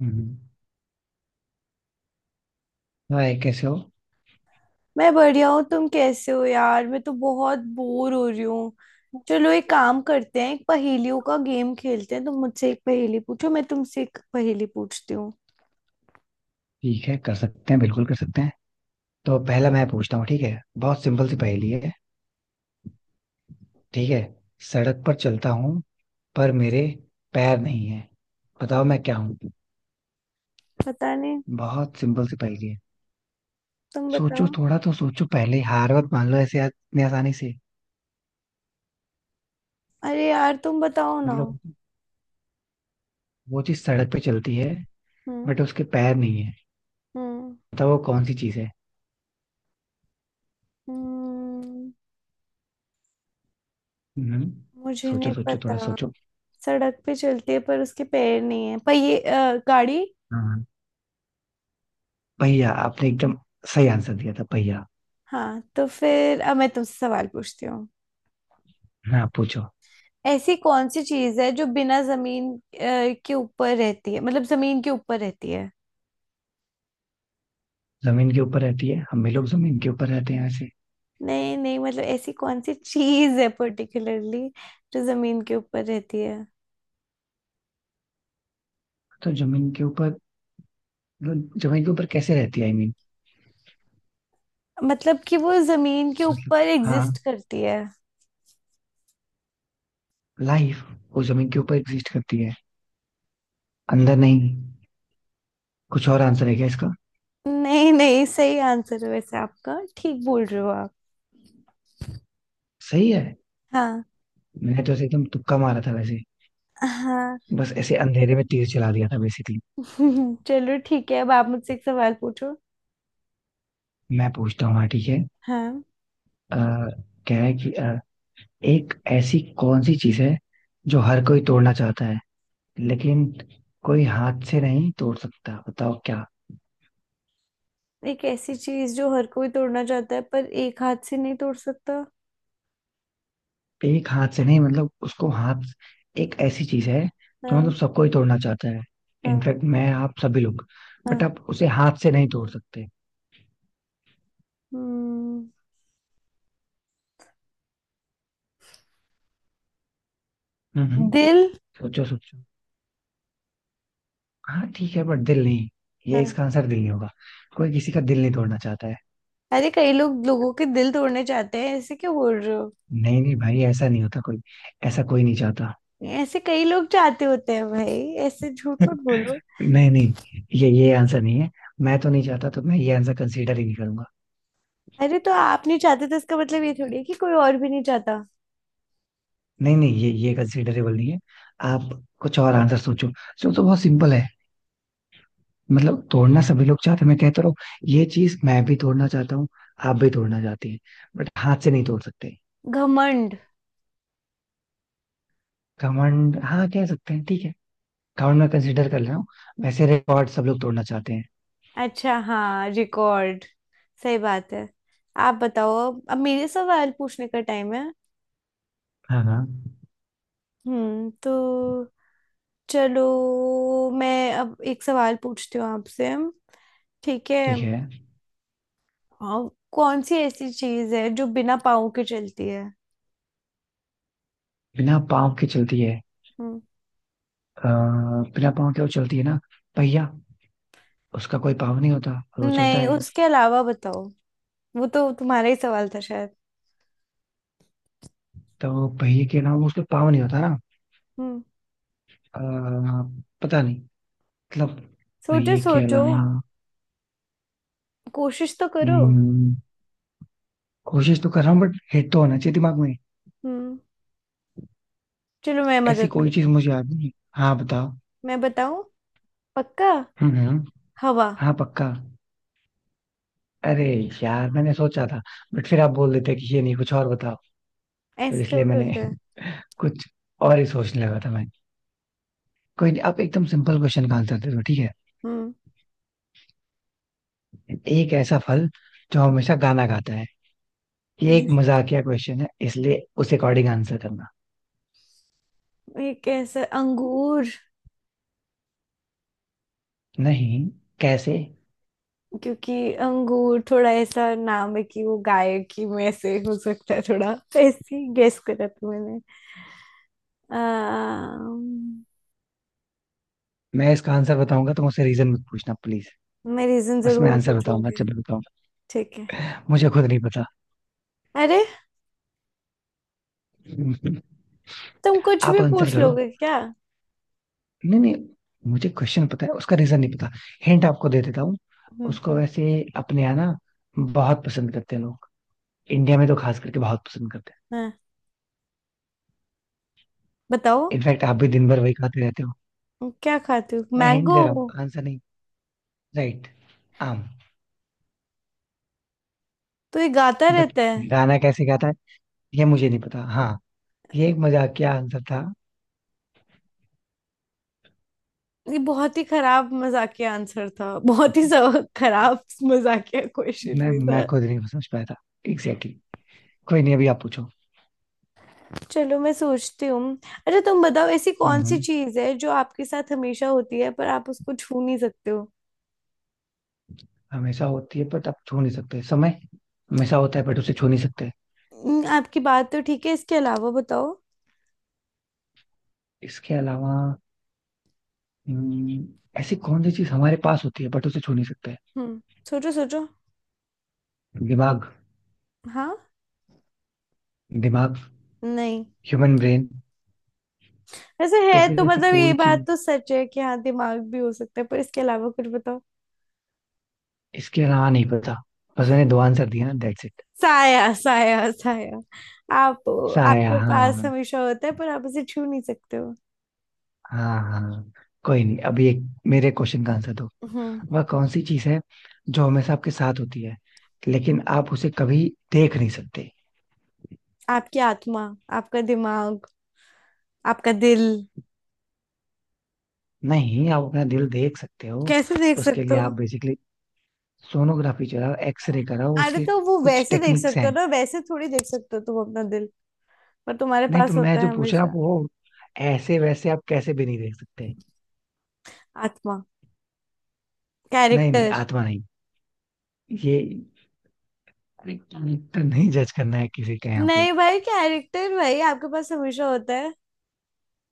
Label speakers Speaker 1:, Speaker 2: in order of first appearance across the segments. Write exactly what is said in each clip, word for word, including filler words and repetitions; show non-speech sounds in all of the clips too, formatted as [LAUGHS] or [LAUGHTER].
Speaker 1: हम्म। Hi, कैसे हो?
Speaker 2: मैं बढ़िया हूँ। तुम कैसे हो यार? मैं तो बहुत बोर हो रही हूँ। चलो एक काम करते हैं, एक पहेलियों का गेम खेलते हैं। तुम मुझसे एक पहेली पूछो, मैं तुमसे एक पहेली पूछती हूँ।
Speaker 1: ठीक है, कर सकते हैं, बिल्कुल कर सकते हैं। तो पहला मैं पूछता हूँ। ठीक है, बहुत सिंपल सी पहेली है। ठीक है। सड़क पर चलता हूँ, पर मेरे पैर नहीं है। बताओ
Speaker 2: हम्म,
Speaker 1: मैं क्या हूँ।
Speaker 2: पता नहीं,
Speaker 1: बहुत सिंपल सी पहेली है।
Speaker 2: तुम
Speaker 1: सोचो,
Speaker 2: बताओ।
Speaker 1: थोड़ा तो सोचो पहले। हार मत मान लो ऐसे आ- इतनी आसानी से।
Speaker 2: अरे यार तुम बताओ ना।
Speaker 1: मतलब वो चीज सड़क पे चलती है,
Speaker 2: हम्म।
Speaker 1: बट उसके पैर नहीं है।
Speaker 2: हम्म
Speaker 1: बताओ वो कौन सी चीज है।
Speaker 2: हम्म।
Speaker 1: हम्म।
Speaker 2: मुझे नहीं
Speaker 1: सोचो सोचो,
Speaker 2: पता।
Speaker 1: थोड़ा सोचो।
Speaker 2: सड़क पे चलती है पर उसके पैर नहीं है, पर ये अ, गाड़ी।
Speaker 1: हाँ, हाँ। पहिया। आपने एकदम सही आंसर दिया था, पहिया।
Speaker 2: हाँ, तो फिर अब मैं तुमसे सवाल पूछती हूँ।
Speaker 1: हाँ, पूछो।
Speaker 2: ऐसी कौन सी चीज है जो बिना जमीन अ, के ऊपर रहती है, मतलब जमीन के ऊपर रहती है।
Speaker 1: जमीन के ऊपर रहती है? हम भी लोग जमीन के ऊपर रहते हैं ऐसे।
Speaker 2: नहीं नहीं, मतलब ऐसी कौन सी चीज है पर्टिकुलरली जो जमीन के ऊपर रहती है।
Speaker 1: तो जमीन के ऊपर, जमीन के ऊपर कैसे रहती है? आई मीन,
Speaker 2: मतलब कि वो जमीन के
Speaker 1: मतलब।
Speaker 2: ऊपर एग्जिस्ट
Speaker 1: हाँ।
Speaker 2: करती है।
Speaker 1: लाइफ। वो जमीन के ऊपर एग्जिस्ट करती है, अंदर नहीं। कुछ और आंसर है क्या इसका?
Speaker 2: नहीं नहीं, सही आंसर है वैसे आपका, ठीक बोल रहे हो आप।
Speaker 1: सही है।
Speaker 2: हाँ।
Speaker 1: मैंने तो ऐसे एकदम तुक्का मारा था वैसे।
Speaker 2: हाँ।
Speaker 1: बस ऐसे अंधेरे में तीर चला दिया था बेसिकली।
Speaker 2: [LAUGHS] चलो ठीक है, अब आप मुझसे एक सवाल पूछो।
Speaker 1: मैं पूछता हूँ, हाँ, ठीक है।
Speaker 2: हाँ।
Speaker 1: आ, कह है कि अ, एक ऐसी कौन सी चीज है जो हर कोई तोड़ना चाहता है, लेकिन कोई हाथ से नहीं तोड़ सकता? बताओ क्या।
Speaker 2: एक ऐसी चीज जो हर कोई तोड़ना चाहता है पर एक हाथ से नहीं तोड़ सकता?
Speaker 1: एक हाथ से नहीं, मतलब उसको हाथ। एक ऐसी चीज है जो मतलब
Speaker 2: हाँ।
Speaker 1: सबको ही तोड़ना चाहता है।
Speaker 2: हाँ।
Speaker 1: इनफैक्ट मैं, आप, सभी लोग। बट
Speaker 2: हाँ।
Speaker 1: आप उसे हाथ से नहीं तोड़ सकते।
Speaker 2: हम्म,
Speaker 1: हम्म हम्म।
Speaker 2: दिल।
Speaker 1: सोचो सोचो। हाँ, ठीक है, बट दिल नहीं। ये
Speaker 2: हाँ।
Speaker 1: इसका आंसर दिल नहीं होगा। कोई किसी का दिल नहीं तोड़ना चाहता है।
Speaker 2: अरे कई लोग लोगों के दिल तोड़ने चाहते हैं, ऐसे क्यों बोल रहे हो?
Speaker 1: नहीं नहीं भाई, ऐसा नहीं होता। कोई ऐसा कोई नहीं चाहता।
Speaker 2: ऐसे कई लोग चाहते होते हैं भाई, ऐसे झूठ
Speaker 1: [LAUGHS]
Speaker 2: मत बोलो।
Speaker 1: नहीं नहीं, ये ये आंसर नहीं है। मैं तो नहीं चाहता, तो मैं ये आंसर कंसीडर ही नहीं करूंगा।
Speaker 2: अरे तो आप नहीं चाहते तो इसका मतलब ये थोड़ी है कि कोई और भी नहीं चाहता।
Speaker 1: नहीं नहीं, ये ये कंसीडरेबल नहीं है। आप कुछ और आंसर सोचो। सोचो, बहुत सिंपल है। मतलब तोड़ना सभी लोग चाहते हैं, मैं कहता रहा हूँ। ये चीज मैं भी तोड़ना चाहता हूँ, आप भी तोड़ना चाहती हैं, बट हाथ से नहीं तोड़ सकते।
Speaker 2: घमंड।
Speaker 1: घमंड, हाँ कह सकते हैं, ठीक है। घमंड मैं कंसिडर कर रहा हूँ। वैसे रिकॉर्ड सब लोग तोड़ना चाहते हैं।
Speaker 2: अच्छा हाँ, रिकॉर्ड। सही बात है। आप बताओ, अब अब मेरे सवाल पूछने का टाइम है।
Speaker 1: हाँ हाँ,
Speaker 2: हम्म, तो चलो, मैं अब एक सवाल पूछती हूँ आपसे। ठीक है।
Speaker 1: ठीक है।
Speaker 2: हाँ, कौन सी ऐसी चीज है जो बिना पाँव के चलती है?
Speaker 1: बिना पाँव के चलती है?
Speaker 2: हम्म।
Speaker 1: अ, बिना पाँव के वो चलती है ना? पहिया। उसका कोई पाँव नहीं होता, और वो चलता
Speaker 2: नहीं,
Speaker 1: है।
Speaker 2: उसके अलावा बताओ। वो तो तुम्हारा ही सवाल था शायद।
Speaker 1: तो पहिए के अलावा उसका पाँव नहीं होता ना।
Speaker 2: हम्म।
Speaker 1: अ, पता नहीं, मतलब
Speaker 2: सोचो
Speaker 1: पहिए के
Speaker 2: सोचो,
Speaker 1: अलावा।
Speaker 2: कोशिश तो करो।
Speaker 1: हम्म, कोशिश तो कर रहा हूँ, बट हिट तो होना चाहिए दिमाग में।
Speaker 2: हम्म। चलो मैं
Speaker 1: ऐसी
Speaker 2: मदद
Speaker 1: कोई
Speaker 2: कर,
Speaker 1: चीज मुझे याद नहीं। हाँ, बताओ।
Speaker 2: मैं बताऊं? पक्का?
Speaker 1: हम्म हम्म।
Speaker 2: हवा।
Speaker 1: हाँ, पक्का। अरे यार, मैंने सोचा था, बट फिर आप बोल देते कि ये नहीं, कुछ और बताओ। तो
Speaker 2: ऐसे
Speaker 1: इसलिए
Speaker 2: थोड़ा
Speaker 1: मैंने
Speaker 2: होता है।
Speaker 1: [LAUGHS] कुछ और ही सोचने लगा था मैं। कोई नहीं, आप एकदम सिंपल क्वेश्चन का आंसर दे दो, ठीक है।
Speaker 2: हम्म।
Speaker 1: एक ऐसा फल जो हमेशा गाना गाता है। ये एक मजाकिया क्वेश्चन है, इसलिए उस अकॉर्डिंग आंसर करना।
Speaker 2: एक ऐसा अंगूर।
Speaker 1: नहीं। कैसे?
Speaker 2: क्योंकि अंगूर थोड़ा ऐसा नाम है कि वो गाय की में से हो सकता है, थोड़ा तो ऐसे ही गेस करा था मैंने। अम्म,
Speaker 1: मैं इसका आंसर बताऊंगा तो मुझसे रीजन मत पूछना, प्लीज।
Speaker 2: मैं रीजन
Speaker 1: बस मैं
Speaker 2: जरूर
Speaker 1: आंसर बताऊंगा
Speaker 2: पूछूंगी।
Speaker 1: जब मैं बताऊंगा।
Speaker 2: ठीक है।
Speaker 1: मुझे खुद नहीं पता।
Speaker 2: अरे,
Speaker 1: [LAUGHS]
Speaker 2: तुम कुछ
Speaker 1: आप
Speaker 2: भी
Speaker 1: आंसर
Speaker 2: पूछ
Speaker 1: करो।
Speaker 2: लोगे क्या?
Speaker 1: नहीं नहीं, मुझे क्वेश्चन पता है, उसका रीजन नहीं पता। हिंट आपको दे देता हूँ।
Speaker 2: हम्म।
Speaker 1: उसको वैसे अपने यहाँ ना बहुत पसंद करते हैं लोग। इंडिया में तो खास करके बहुत पसंद करते हैं।
Speaker 2: हाँ बताओ।
Speaker 1: इनफैक्ट आप भी दिन भर वही खाते रहते हो।
Speaker 2: क्या खाते हो,
Speaker 1: मैं हिंट
Speaker 2: मैंगो?
Speaker 1: दे रहा हूँ, आंसर नहीं। राइट। आम।
Speaker 2: तो ये गाता
Speaker 1: बट
Speaker 2: रहता है?
Speaker 1: गाना कैसे गाता है ये मुझे नहीं पता, हाँ। ये एक मजाकिया आंसर था।
Speaker 2: ये बहुत ही खराब मजाकिया आंसर था, बहुत ही स- खराब मजाकिया क्वेश्चन
Speaker 1: मैं
Speaker 2: भी
Speaker 1: मैं
Speaker 2: था।
Speaker 1: खुद नहीं समझ पाया था। Exactly exactly. कोई नहीं, अभी आप पूछो।
Speaker 2: चलो मैं सोचती हूँ। अच्छा तुम बताओ, ऐसी कौन सी
Speaker 1: हम्म,
Speaker 2: चीज है जो आपके साथ हमेशा होती है पर आप उसको छू नहीं सकते हो?
Speaker 1: हमेशा होती है बट आप छू नहीं सकते, समय। हमेशा होता है बट उसे छू नहीं सकते।
Speaker 2: हम्म, आपकी बात तो ठीक है, इसके अलावा बताओ।
Speaker 1: इसके अलावा। हम्म, ऐसी कौन सी चीज हमारे पास होती है बट उसे छू नहीं सकते?
Speaker 2: हम्म। सोचो सोचो।
Speaker 1: दिमाग।
Speaker 2: हाँ।
Speaker 1: दिमाग।
Speaker 2: नहीं।
Speaker 1: Human brain.
Speaker 2: वैसे
Speaker 1: तो
Speaker 2: है
Speaker 1: फिर
Speaker 2: तो,
Speaker 1: ऐसी
Speaker 2: मतलब ये
Speaker 1: कोई
Speaker 2: बात
Speaker 1: चीज?
Speaker 2: तो सच है कि हाँ दिमाग भी हो सकता है, पर इसके अलावा कुछ बताओ।
Speaker 1: इसके अलावा नहीं पता। बस मैंने दो आंसर दिया ना, दैट्स इट।
Speaker 2: साया, साया, साया। आप
Speaker 1: साया,
Speaker 2: आपके पास
Speaker 1: हाँ।
Speaker 2: हमेशा होता है पर आप उसे छू नहीं सकते हो।
Speaker 1: हाँ, हाँ। कोई नहीं, अभी एक मेरे क्वेश्चन का आंसर दो।
Speaker 2: हम्म।
Speaker 1: वह कौन सी चीज है जो हमेशा आपके साथ होती है, लेकिन आप उसे कभी देख नहीं सकते?
Speaker 2: आपकी आत्मा, आपका दिमाग, आपका दिल।
Speaker 1: नहीं, आप अपना दिल देख सकते हो।
Speaker 2: कैसे देख
Speaker 1: उसके
Speaker 2: सकते
Speaker 1: लिए आप
Speaker 2: हो?
Speaker 1: बेसिकली सोनोग्राफी चलाओ, एक्सरे कराओ,
Speaker 2: अरे
Speaker 1: उसके
Speaker 2: तो वो
Speaker 1: कुछ
Speaker 2: वैसे देख
Speaker 1: टेक्निक्स
Speaker 2: सकते हो
Speaker 1: हैं।
Speaker 2: ना, वैसे थोड़ी देख सकते हो तुम अपना दिल, पर तुम्हारे
Speaker 1: नहीं तो,
Speaker 2: पास
Speaker 1: मैं
Speaker 2: होता
Speaker 1: जो
Speaker 2: है
Speaker 1: पूछ रहा हूँ
Speaker 2: हमेशा।
Speaker 1: वो, ऐसे वैसे आप कैसे भी नहीं देख सकते।
Speaker 2: आत्मा,
Speaker 1: नहीं नहीं,
Speaker 2: कैरेक्टर।
Speaker 1: आत्मा नहीं। ये कैरेक्टर नहीं, जज करना है किसी का यहाँ पे।
Speaker 2: नहीं भाई, कैरेक्टर भाई आपके पास हमेशा होता है,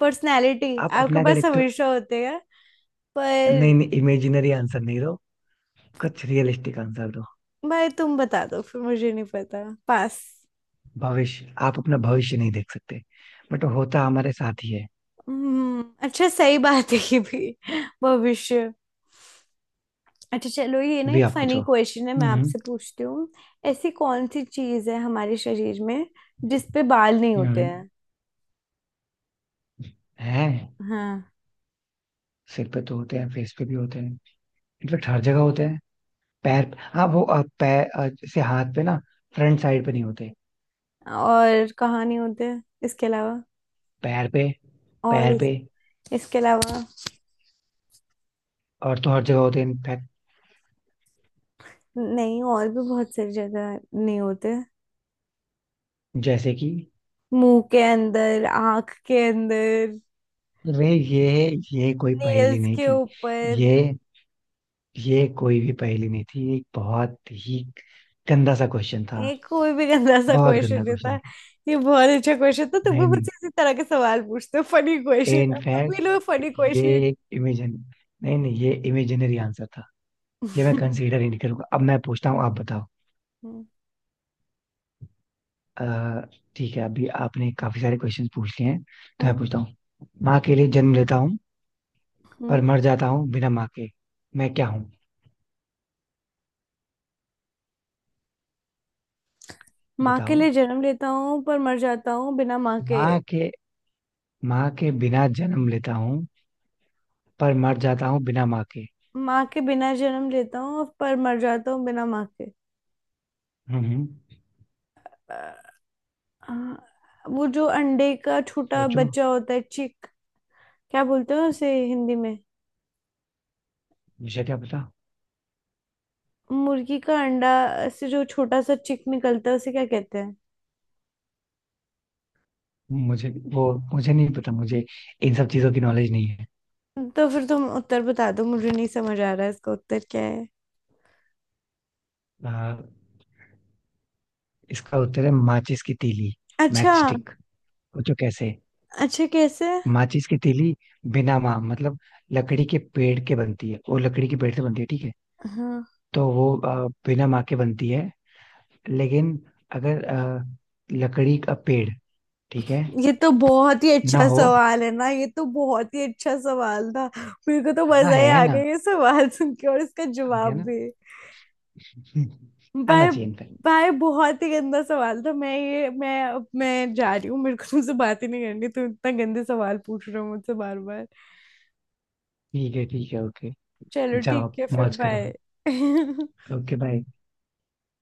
Speaker 2: पर्सनैलिटी
Speaker 1: आप
Speaker 2: आपके
Speaker 1: अपना
Speaker 2: पास
Speaker 1: कैरेक्टर।
Speaker 2: हमेशा होते हैं,
Speaker 1: नहीं
Speaker 2: पर
Speaker 1: नहीं, इमेजिनरी आंसर नहीं दो, कुछ रियलिस्टिक आंसर दो।
Speaker 2: भाई तुम बता दो फिर, मुझे नहीं पता पास।
Speaker 1: भविष्य। आप अपना भविष्य नहीं देख सकते, बट होता हमारे साथ ही है।
Speaker 2: हम्म, अच्छा सही बात है ये भी, भविष्य। अच्छा चलो, ये ना
Speaker 1: अभी
Speaker 2: एक
Speaker 1: आप
Speaker 2: फनी
Speaker 1: पूछो।
Speaker 2: क्वेश्चन है मैं
Speaker 1: हम्म।
Speaker 2: आपसे पूछती हूँ। ऐसी कौन सी चीज है हमारे शरीर में जिसपे बाल नहीं होते
Speaker 1: हम्म।
Speaker 2: हैं?
Speaker 1: है।
Speaker 2: हाँ।
Speaker 1: सिर पे तो होते हैं, फेस पे भी होते हैं। इनफेक्ट हर जगह होते हैं। पैर, हाँ वो अ, पैर, अ, जैसे हाथ पे ना, फ्रंट साइड पे नहीं होते।
Speaker 2: और कहानी होते हैं इसके अलावा।
Speaker 1: पैर पे,
Speaker 2: और
Speaker 1: पैर
Speaker 2: इस,
Speaker 1: पे।
Speaker 2: इसके अलावा
Speaker 1: और तो हर जगह होते हैं इनफैक्ट।
Speaker 2: नहीं, और भी बहुत सारी जगह नहीं होते हैं।
Speaker 1: जैसे कि।
Speaker 2: मुंह के अंदर, आंख के अंदर,
Speaker 1: रे, ये ये कोई पहेली
Speaker 2: नेल्स
Speaker 1: नहीं
Speaker 2: के
Speaker 1: थी।
Speaker 2: ऊपर।
Speaker 1: ये ये कोई भी पहेली नहीं थी। ये एक बहुत ही गंदा सा क्वेश्चन था।
Speaker 2: एक कोई भी गंदा सा
Speaker 1: बहुत
Speaker 2: क्वेश्चन
Speaker 1: गंदा
Speaker 2: देता
Speaker 1: क्वेश्चन
Speaker 2: है।
Speaker 1: था।
Speaker 2: ये बहुत अच्छा क्वेश्चन था, तुम भी
Speaker 1: नहीं नहीं,
Speaker 2: मुझसे इसी तरह के सवाल पूछते हो फनी क्वेश्चन, तुम
Speaker 1: इनफैक्ट
Speaker 2: भी लो फनी
Speaker 1: ये
Speaker 2: क्वेश्चन।
Speaker 1: एक इमेजिन। नहीं नहीं, ये इमेजिनरी आंसर था। ये मैं कंसीडर ही नहीं करूंगा। अब मैं पूछता हूँ, आप बताओ। अ, ठीक है, अभी आपने काफी सारे क्वेश्चन पूछ लिए हैं, तो मैं
Speaker 2: हम्म।
Speaker 1: पूछता हूँ। माँ के लिए जन्म लेता हूँ, पर
Speaker 2: हम्म।
Speaker 1: मर जाता हूँ बिना माँ के। मैं क्या हूँ?
Speaker 2: माँ के
Speaker 1: बताओ।
Speaker 2: लिए जन्म लेता हूँ पर मर जाता हूँ बिना माँ के।
Speaker 1: माँ के माँ के बिना जन्म लेता हूँ, पर मर जाता हूँ बिना माँ के।
Speaker 2: माँ के बिना जन्म लेता हूँ पर मर जाता हूँ बिना माँ के।
Speaker 1: हम्म हम्म।
Speaker 2: हाँ, वो जो अंडे का छोटा
Speaker 1: सोचो।
Speaker 2: बच्चा होता है, चिक, क्या बोलते हैं उसे हिंदी में?
Speaker 1: मुझे क्या पता।
Speaker 2: मुर्गी का अंडा से जो छोटा सा चिक निकलता है उसे क्या कहते हैं?
Speaker 1: मुझे वो मुझे नहीं पता। मुझे इन सब चीजों की नॉलेज नहीं है।
Speaker 2: तो फिर तुम उत्तर बता दो, मुझे नहीं समझ आ रहा है इसका उत्तर क्या है।
Speaker 1: आ, इसका उत्तर है माचिस की तीली।
Speaker 2: अच्छा।
Speaker 1: Match stick. सोचो कैसे।
Speaker 2: अच्छा कैसे?
Speaker 1: माचिस की तीली, बिना माँ मतलब लकड़ी के पेड़ के बनती है। वो लकड़ी के पेड़ से बनती है, ठीक है।
Speaker 2: हाँ।
Speaker 1: तो वो आ, बिना माँ के बनती है। लेकिन अगर आ, लकड़ी का पेड़ ठीक है
Speaker 2: ये तो बहुत ही
Speaker 1: ना
Speaker 2: अच्छा
Speaker 1: हो।
Speaker 2: सवाल है ना, ये तो बहुत ही अच्छा सवाल था, मेरे को तो
Speaker 1: हाँ,
Speaker 2: मजा ही
Speaker 1: है
Speaker 2: आ गया
Speaker 1: ना,
Speaker 2: ये सवाल सुन के और इसका
Speaker 1: आ गया
Speaker 2: जवाब
Speaker 1: ना।
Speaker 2: भी।
Speaker 1: हम्म, आना
Speaker 2: भाई,
Speaker 1: चाहिए इनफैक्ट।
Speaker 2: भाई बहुत ही गंदा सवाल था, मैं ये मैं अब मैं जा रही हूँ, मेरे को तुमसे बात ही नहीं करनी, तुम इतना गंदे सवाल पूछ रहे हो मुझसे बार बार।
Speaker 1: ठीक है, ठीक है, ओके।
Speaker 2: चलो ठीक
Speaker 1: जाओ
Speaker 2: है, फिर
Speaker 1: मौज करो।
Speaker 2: बाय। [LAUGHS]
Speaker 1: Okay, bye.